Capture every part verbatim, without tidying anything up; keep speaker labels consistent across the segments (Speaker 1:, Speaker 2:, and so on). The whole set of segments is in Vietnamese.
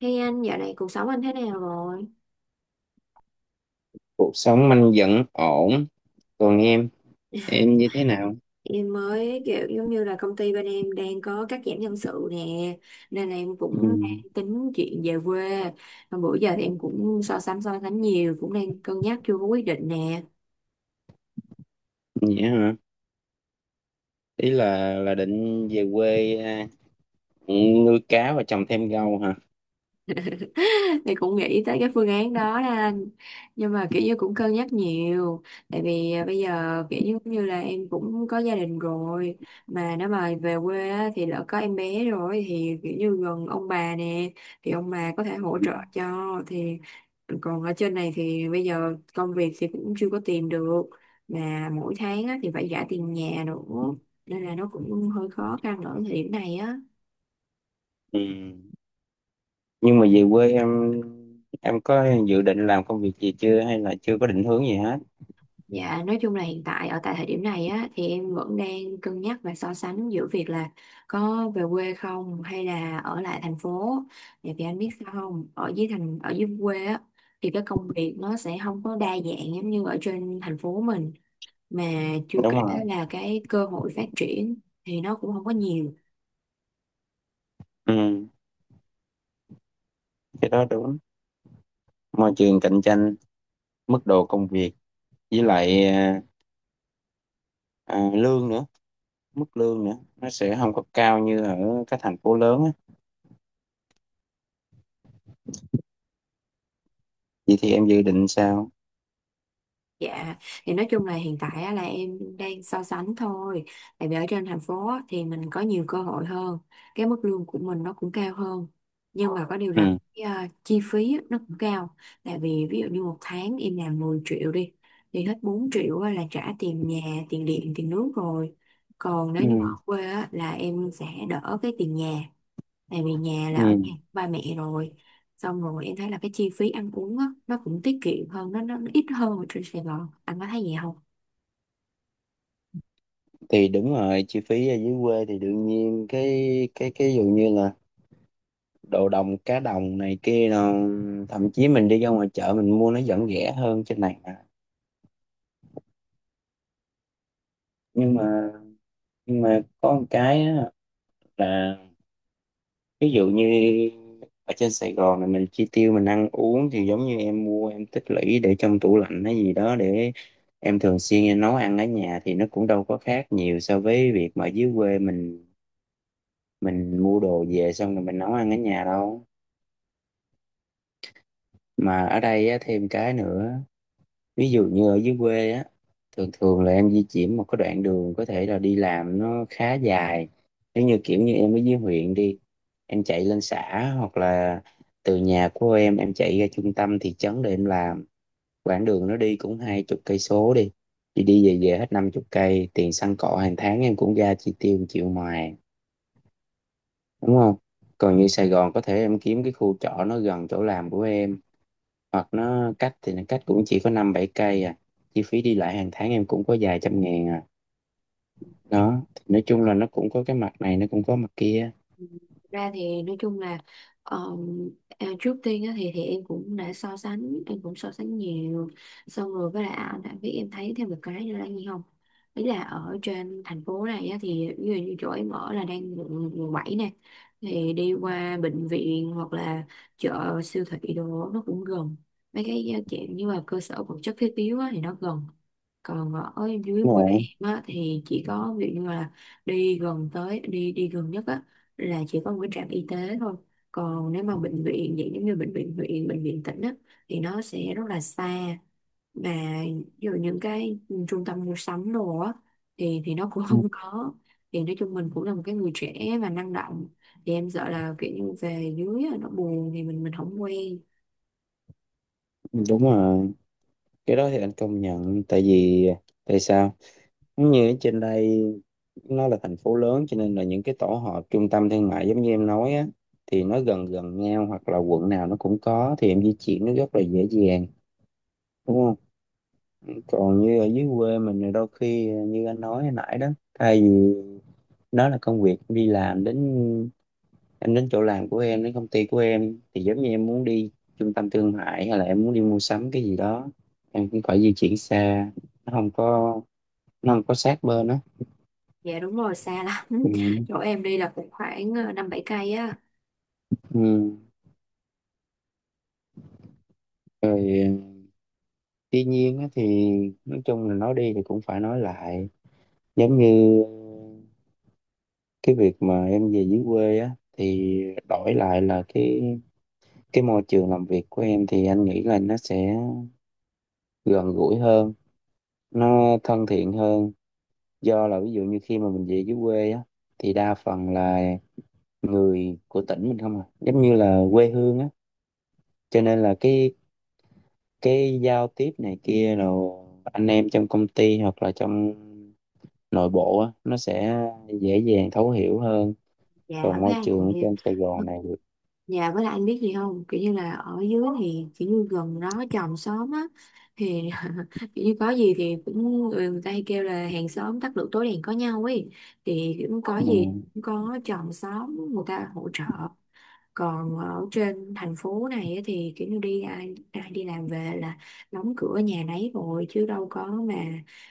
Speaker 1: Hey anh, dạo này cuộc sống anh thế nào rồi?
Speaker 2: Cuộc sống anh vẫn ổn. Còn em em như thế nào?
Speaker 1: Em mới kiểu giống như là công ty bên em đang có cắt giảm nhân sự nè, nên là em
Speaker 2: Ừ.
Speaker 1: cũng đang tính chuyện về quê. Mà bữa giờ thì em cũng so sánh so sánh nhiều, cũng đang cân nhắc chưa có quyết định nè.
Speaker 2: Vậy hả? Ý là là định về quê à, nuôi cá và trồng thêm rau hả?
Speaker 1: Thì cũng nghĩ tới cái phương án đó đó anh, nhưng mà kiểu như cũng cân nhắc nhiều. Tại vì à, bây giờ kiểu như cũng như là em cũng có gia đình rồi, mà nếu mà về quê á, thì lỡ có em bé rồi thì kiểu như gần ông bà nè, thì ông bà có thể hỗ
Speaker 2: Ừ.
Speaker 1: trợ cho. Thì còn ở trên này thì bây giờ công việc thì cũng chưa có tìm được, mà mỗi tháng á, thì phải trả tiền nhà nữa, nên là nó cũng hơi khó khăn ở thời điểm này á.
Speaker 2: Ừ. Nhưng mà về quê, em em có dự định làm công việc gì chưa hay là chưa có định hướng gì hết?
Speaker 1: Dạ, nói chung là hiện tại ở tại thời điểm này á thì em vẫn đang cân nhắc và so sánh giữa việc là có về quê không hay là ở lại thành phố. Tại vì anh biết sao không, ở dưới thành ở dưới quê á, thì cái công việc nó sẽ không có đa dạng giống như ở trên thành phố mình, mà chưa
Speaker 2: Đúng
Speaker 1: kể
Speaker 2: không?
Speaker 1: là cái cơ hội phát triển thì nó cũng không có nhiều.
Speaker 2: Ừ. Cái đó đúng. Môi trường cạnh tranh, mức độ công việc, với lại à, à, lương nữa, mức lương nữa nó sẽ không có cao như ở các thành phố lớn á. Vậy thì em dự định sao?
Speaker 1: Dạ, thì nói chung là hiện tại á, là em đang so sánh thôi. Tại vì ở trên thành phố á, thì mình có nhiều cơ hội hơn, cái mức lương của mình nó cũng cao hơn. Nhưng mà có điều là
Speaker 2: Ừ.
Speaker 1: cái, à, chi phí á, nó cũng cao. Tại vì ví dụ như một tháng em làm 10 triệu đi, thì hết bốn triệu á, là trả tiền nhà, tiền điện, tiền nước rồi. Còn nếu như ở
Speaker 2: Ừ.
Speaker 1: quê á, là em sẽ đỡ cái tiền nhà, tại vì nhà là ở
Speaker 2: Ừ,
Speaker 1: nhà ba mẹ rồi, xong rồi em thấy là cái chi phí ăn uống á, nó cũng tiết kiệm hơn, nó nó nó ít hơn ở trên Sài Gòn, anh có thấy vậy không?
Speaker 2: thì đúng rồi, chi phí ở dưới quê thì đương nhiên cái cái cái dụ như là đồ đồng, cá đồng này kia, nó thậm chí mình đi ra ngoài chợ mình mua nó vẫn rẻ hơn trên này mà. nhưng mà nhưng mà có một cái á, là ví dụ như ở trên Sài Gòn này mình chi tiêu, mình ăn uống thì giống như em mua, em tích lũy để trong tủ lạnh hay gì đó, để em thường xuyên em nấu ăn ở nhà thì nó cũng đâu có khác nhiều so với việc mà ở dưới quê mình mình mua đồ về xong rồi mình nấu ăn ở nhà đâu. Mà ở đây á, thêm cái nữa, ví dụ như ở dưới quê á, thường thường là em di chuyển một cái đoạn đường có thể là đi làm nó khá dài. Nếu như kiểu như em ở dưới huyện đi, em chạy lên xã hoặc là từ nhà của em em chạy ra trung tâm thị trấn để em làm, quãng đường nó đi cũng hai chục cây số đi, thì đi về về hết năm chục cây tiền xăng cọ hàng tháng, em cũng ra chi tiêu một triệu ngoài, đúng không? Còn như Sài Gòn có thể em kiếm cái khu trọ nó gần chỗ làm của em, hoặc nó cách thì nó cách cũng chỉ có năm bảy cây à, chi phí đi lại hàng tháng em cũng có vài trăm ngàn à. Đó thì nói chung là nó cũng có cái mặt này, nó cũng có mặt kia.
Speaker 1: Ừ, thực ra thì nói chung là ờ, à, trước tiên á, thì thì em cũng đã so sánh, em cũng so sánh nhiều, xong rồi với lại ảnh đã biết. Em thấy thêm một cái nữa là gì không, ý là ở trên thành phố này á, thì ví dụ như chỗ em ở là đang quận quận bảy nè, thì đi qua bệnh viện hoặc là chợ siêu thị đồ nó cũng gần, mấy cái chuyện như là cơ sở vật chất thiết yếu á, thì nó gần. Còn ở dưới
Speaker 2: Đúng
Speaker 1: quê
Speaker 2: rồi.
Speaker 1: em á, thì chỉ có ví dụ như là đi gần tới đi đi gần nhất á là chỉ có một cái trạm y tế thôi. Còn nếu mà bệnh viện vậy giống như bệnh viện huyện, bệnh viện tỉnh á, thì nó sẽ rất là xa. Mà ví những cái trung tâm mua sắm đồ á, thì thì nó cũng không có. Thì nói chung mình cũng là một cái người trẻ và năng động, thì em sợ là kiểu như về dưới á, nó buồn thì mình mình không quen.
Speaker 2: Ừ, đúng rồi, cái đó thì anh công nhận. Tại vì tại sao, giống như ở trên đây nó là thành phố lớn cho nên là những cái tổ hợp trung tâm thương mại giống như em nói á, thì nó gần gần nhau hoặc là quận nào nó cũng có, thì em di chuyển nó rất là dễ dàng, đúng không? Còn như ở dưới quê mình thì đôi khi như anh nói hồi nãy đó, thay vì đó là công việc em đi làm đến, em đến chỗ làm của em, đến công ty của em, thì giống như em muốn đi trung tâm thương mại hay là em muốn đi mua sắm cái gì đó, em cũng phải di chuyển xa, nó không có nó không có sát bên á.
Speaker 1: Dạ đúng rồi, xa lắm.
Speaker 2: Ừ.
Speaker 1: Chỗ em đi là cũng khoảng ờ, năm bảy cây á.
Speaker 2: Ừ. Rồi, tuy nhiên á thì nói chung là nói đi thì cũng phải nói lại. Giống như cái việc mà em về dưới quê á thì đổi lại là cái cái môi trường làm việc của em thì anh nghĩ là nó sẽ gần gũi hơn, nó thân thiện hơn. Do là ví dụ như khi mà mình về dưới quê á thì đa phần là người của tỉnh mình không à, giống như là quê hương á, cho nên là cái cái giao tiếp này kia, rồi anh em trong công ty hoặc là trong nội bộ á nó sẽ dễ dàng thấu hiểu hơn.
Speaker 1: Dạ
Speaker 2: Còn
Speaker 1: với
Speaker 2: môi trường ở
Speaker 1: lại,
Speaker 2: trên Sài Gòn này thì
Speaker 1: dạ với lại anh biết gì không, kiểu như là ở dưới thì kiểu như gần đó chòm xóm á, thì kiểu như có gì thì cũng người, người ta hay kêu là hàng xóm tắt lửa tối đèn có nhau ấy, thì cũng có gì cũng có chòm xóm người ta hỗ trợ. Còn ở trên thành phố này á, thì kiểu như đi ai, ai đi làm về là đóng cửa nhà nấy rồi, chứ đâu có mà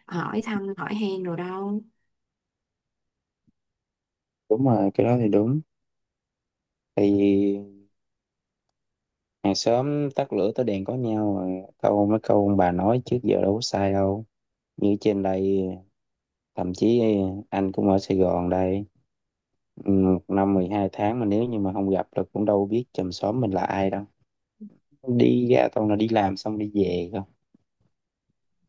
Speaker 1: hỏi thăm hỏi han rồi đâu.
Speaker 2: đúng rồi, cái đó thì đúng. Thì hàng xóm tắt lửa tối đèn có nhau rồi. Câu, mấy câu ông bà nói trước giờ đâu có sai đâu. Như trên đây, thậm chí anh cũng ở Sài Gòn đây. Ừ, một năm mười hai tháng mà nếu như mà không gặp được cũng đâu biết chòm xóm mình là ai đâu, đi ra toàn là đi làm xong đi về không.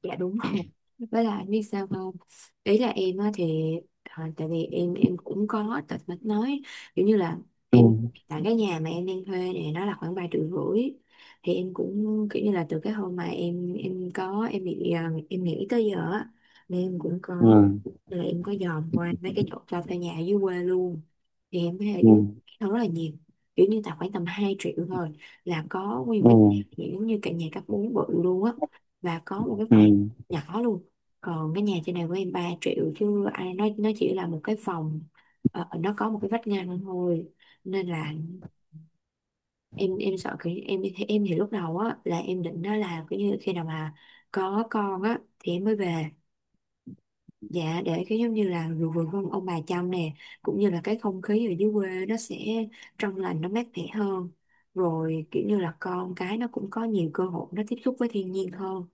Speaker 1: Dạ đúng rồi, với lại biết sao không, ý là em á thì à, tại vì em em cũng có tật mạch nói, kiểu như là
Speaker 2: Ừ,
Speaker 1: em, tại cái nhà mà em đang thuê này nó là khoảng ba triệu rưỡi, thì em cũng kiểu như là từ cái hôm mà em em có em bị à, em nghỉ tới giờ á, nên em cũng có
Speaker 2: ừ,
Speaker 1: là em có dòm qua mấy cái chỗ cho thuê nhà ở dưới quê luôn. Thì em thấy ở
Speaker 2: ừ,
Speaker 1: dưới nó rất là nhiều, kiểu như là khoảng tầm hai triệu thôi là có nguyên
Speaker 2: ừ,
Speaker 1: cái giống như cả nhà cấp bốn bự luôn á, và có một
Speaker 2: ừ,
Speaker 1: cái nhỏ luôn. Còn cái nhà trên này của em ba triệu chứ ai, nói nó chỉ là một cái phòng, ờ, ờ, nó có một cái vách ngăn thôi. Nên là em em sợ kiểu như- em em thì lúc đầu á là em định đó là kiểu như khi nào mà có con á thì em mới về, dạ, để cái giống như là vừa vừa ông, ông bà chăm nè, cũng như là cái không khí ở dưới quê nó sẽ trong lành, nó mát mẻ hơn, rồi kiểu như là con cái nó cũng có nhiều cơ hội nó tiếp xúc với thiên nhiên hơn.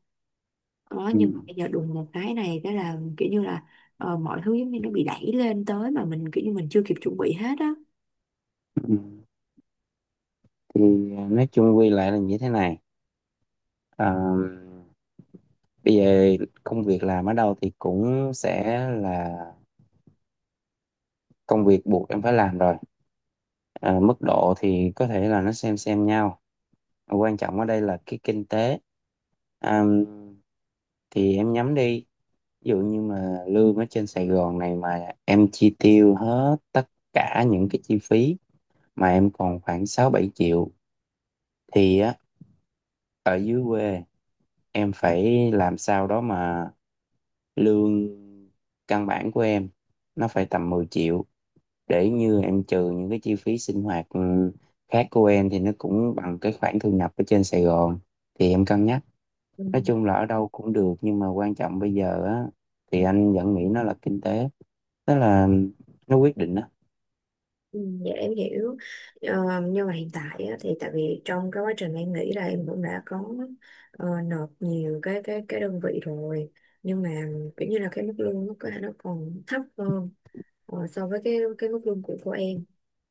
Speaker 1: Ờ,
Speaker 2: ừ,
Speaker 1: nhưng mà bây giờ đùng một cái này cái là kiểu như là ờ, mọi thứ giống như nó bị đẩy lên tới mà mình kiểu như mình chưa kịp chuẩn bị hết á.
Speaker 2: ừ. Thì nói chung quy lại là như thế này. à, Bây giờ công việc làm ở đâu thì cũng sẽ là công việc buộc em phải làm rồi. À, mức độ thì có thể là nó xem xem nhau, quan trọng ở đây là cái kinh tế. à, thì em nhắm đi, ví dụ như mà lương ở trên Sài Gòn này mà em chi tiêu hết tất cả những cái chi phí mà em còn khoảng sáu bảy triệu thì á, ở dưới quê em phải làm sao đó mà lương căn bản của em nó phải tầm mười triệu để như em trừ những cái chi phí sinh hoạt ừ, khác của em thì nó cũng bằng cái khoản thu nhập ở trên Sài Gòn, thì em cân nhắc.
Speaker 1: Ừ.
Speaker 2: Nói chung là ở đâu cũng được, nhưng mà quan trọng bây giờ á thì anh vẫn nghĩ nó là kinh tế, tức là nó quyết định.
Speaker 1: Ừ, dạ em hiểu. Ờ, nhưng mà hiện tại á, thì tại vì trong cái quá trình em nghĩ là em cũng đã có ờ, nộp nhiều cái cái cái đơn vị rồi, nhưng mà kiểu như là cái mức lương nó có thể nó còn thấp hơn ờ, so với cái cái mức lương của của em,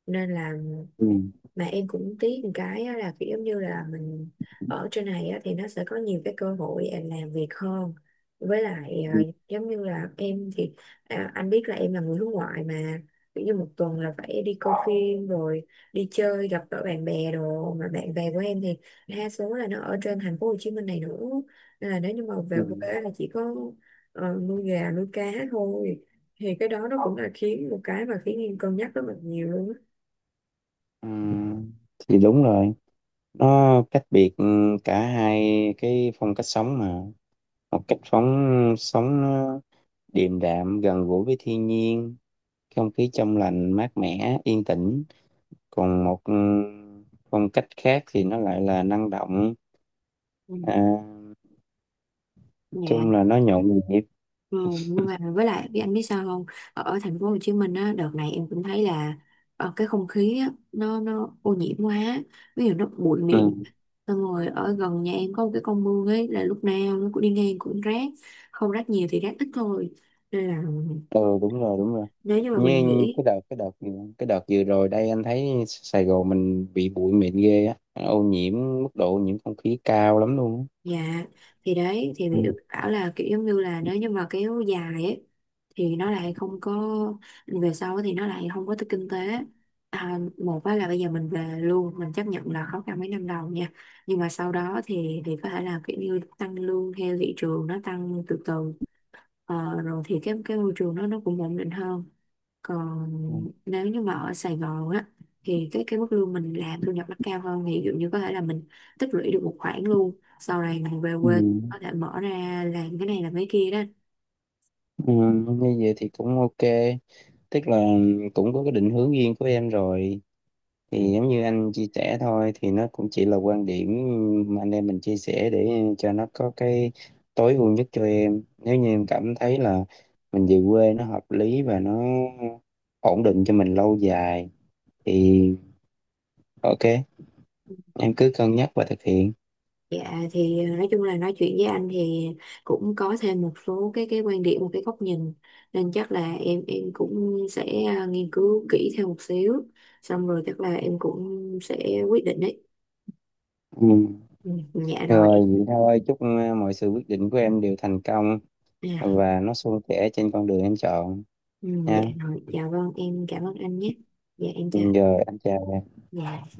Speaker 1: nên là
Speaker 2: Ừ.
Speaker 1: mà em cũng tiếc một cái á, là kiểu giống như là mình ở trên này á, thì nó sẽ có nhiều cái cơ hội em làm việc hơn, với lại à,
Speaker 2: Ừ.
Speaker 1: giống như là em thì à, anh biết là em là người nước ngoài mà, kiểu như một tuần là phải đi coi phim rồi đi chơi gặp gỡ bạn bè đồ, mà bạn bè của em thì đa số là nó ở trên thành phố Hồ Chí Minh này nữa, nên là nếu như mà về
Speaker 2: Ừ.
Speaker 1: quê là chỉ có ờ, nuôi gà nuôi cá thôi. Thì cái đó nó cũng là khiến một cái mà khiến em cân nhắc rất là nhiều luôn á.
Speaker 2: Ừ. Thì đúng rồi, nó cách biệt ừ, cả hai cái phong cách sống mà, một cách phóng sống nó điềm đạm, gần gũi với thiên nhiên, không khí trong lành mát mẻ yên tĩnh. Còn một ừ, phong cách khác thì nó lại là năng động,
Speaker 1: Ừ.
Speaker 2: à, nói
Speaker 1: Dạ.
Speaker 2: chung là nó nhộn nhịp.
Speaker 1: Ừ, nhưng mà với lại biết anh biết sao không, ở, ở thành phố Hồ Chí Minh á đợt này em cũng thấy là ờ, cái không khí á, nó nó ô nhiễm quá, ví dụ nó bụi mịn,
Speaker 2: Ừ.
Speaker 1: xong rồi ở gần nhà em có một cái con mương ấy là lúc nào nó cũng đi ngang cũng rác, không rác nhiều thì rác ít thôi, nên là
Speaker 2: Ừ, đúng rồi, đúng rồi.
Speaker 1: nếu như mà mình
Speaker 2: Như
Speaker 1: nghĩ.
Speaker 2: cái đợt cái đợt cái đợt vừa rồi đây, anh thấy Sài Gòn mình bị bụi mịn ghê á, ô nhiễm, mức độ ô nhiễm không khí cao lắm luôn á.
Speaker 1: Dạ, thì đấy thì bị
Speaker 2: Ừ.
Speaker 1: bảo là kiểu giống như là nếu như mà kéo dài ấy, thì nó lại không có, về sau thì nó lại không có tới kinh tế. À, một á là bây giờ mình về luôn, mình chấp nhận là khó khăn mấy năm đầu nha, nhưng mà sau đó thì thì có thể là kiểu như tăng lương theo thị trường nó tăng từ từ. Ờ, rồi thì cái cái môi trường nó nó cũng ổn định hơn. Còn nếu như mà ở Sài Gòn á, thì cái cái mức lương mình làm thu nhập nó cao hơn, thì ví dụ như có thể là mình tích lũy được một khoản, luôn sau này mình về
Speaker 2: Ừ.
Speaker 1: quê có thể mở ra làm cái này làm cái kia đó.
Speaker 2: Ừ. Như vậy thì cũng ok, tức là cũng có cái định hướng riêng của em rồi.
Speaker 1: Ừ.
Speaker 2: Thì giống như anh chia sẻ thôi, thì nó cũng chỉ là quan điểm mà anh em mình chia sẻ để cho nó có cái tối ưu nhất cho em. Nếu như em cảm thấy là mình về quê nó hợp lý và nó ổn định cho mình lâu dài thì ok, em cứ cân nhắc và thực hiện.
Speaker 1: Dạ, thì ờ, nói chung là nói chuyện với anh thì cũng có thêm một số cái cái quan điểm, một cái góc nhìn, nên chắc là em em cũng sẽ ờ, nghiên cứu kỹ thêm một xíu, xong rồi chắc là em cũng sẽ quyết định đấy.
Speaker 2: Ừ.
Speaker 1: Ừ, dạ rồi.
Speaker 2: Rồi vậy thôi, chúc ờ, mọi sự quyết định của em đều thành công
Speaker 1: À.
Speaker 2: và nó suôn sẻ trên con đường em chọn
Speaker 1: Ừ, dạ
Speaker 2: nha.
Speaker 1: rồi, dạ vâng em cảm ơn anh nhé. Dạ em chào.
Speaker 2: Ừ, rồi anh chào.
Speaker 1: Dạ.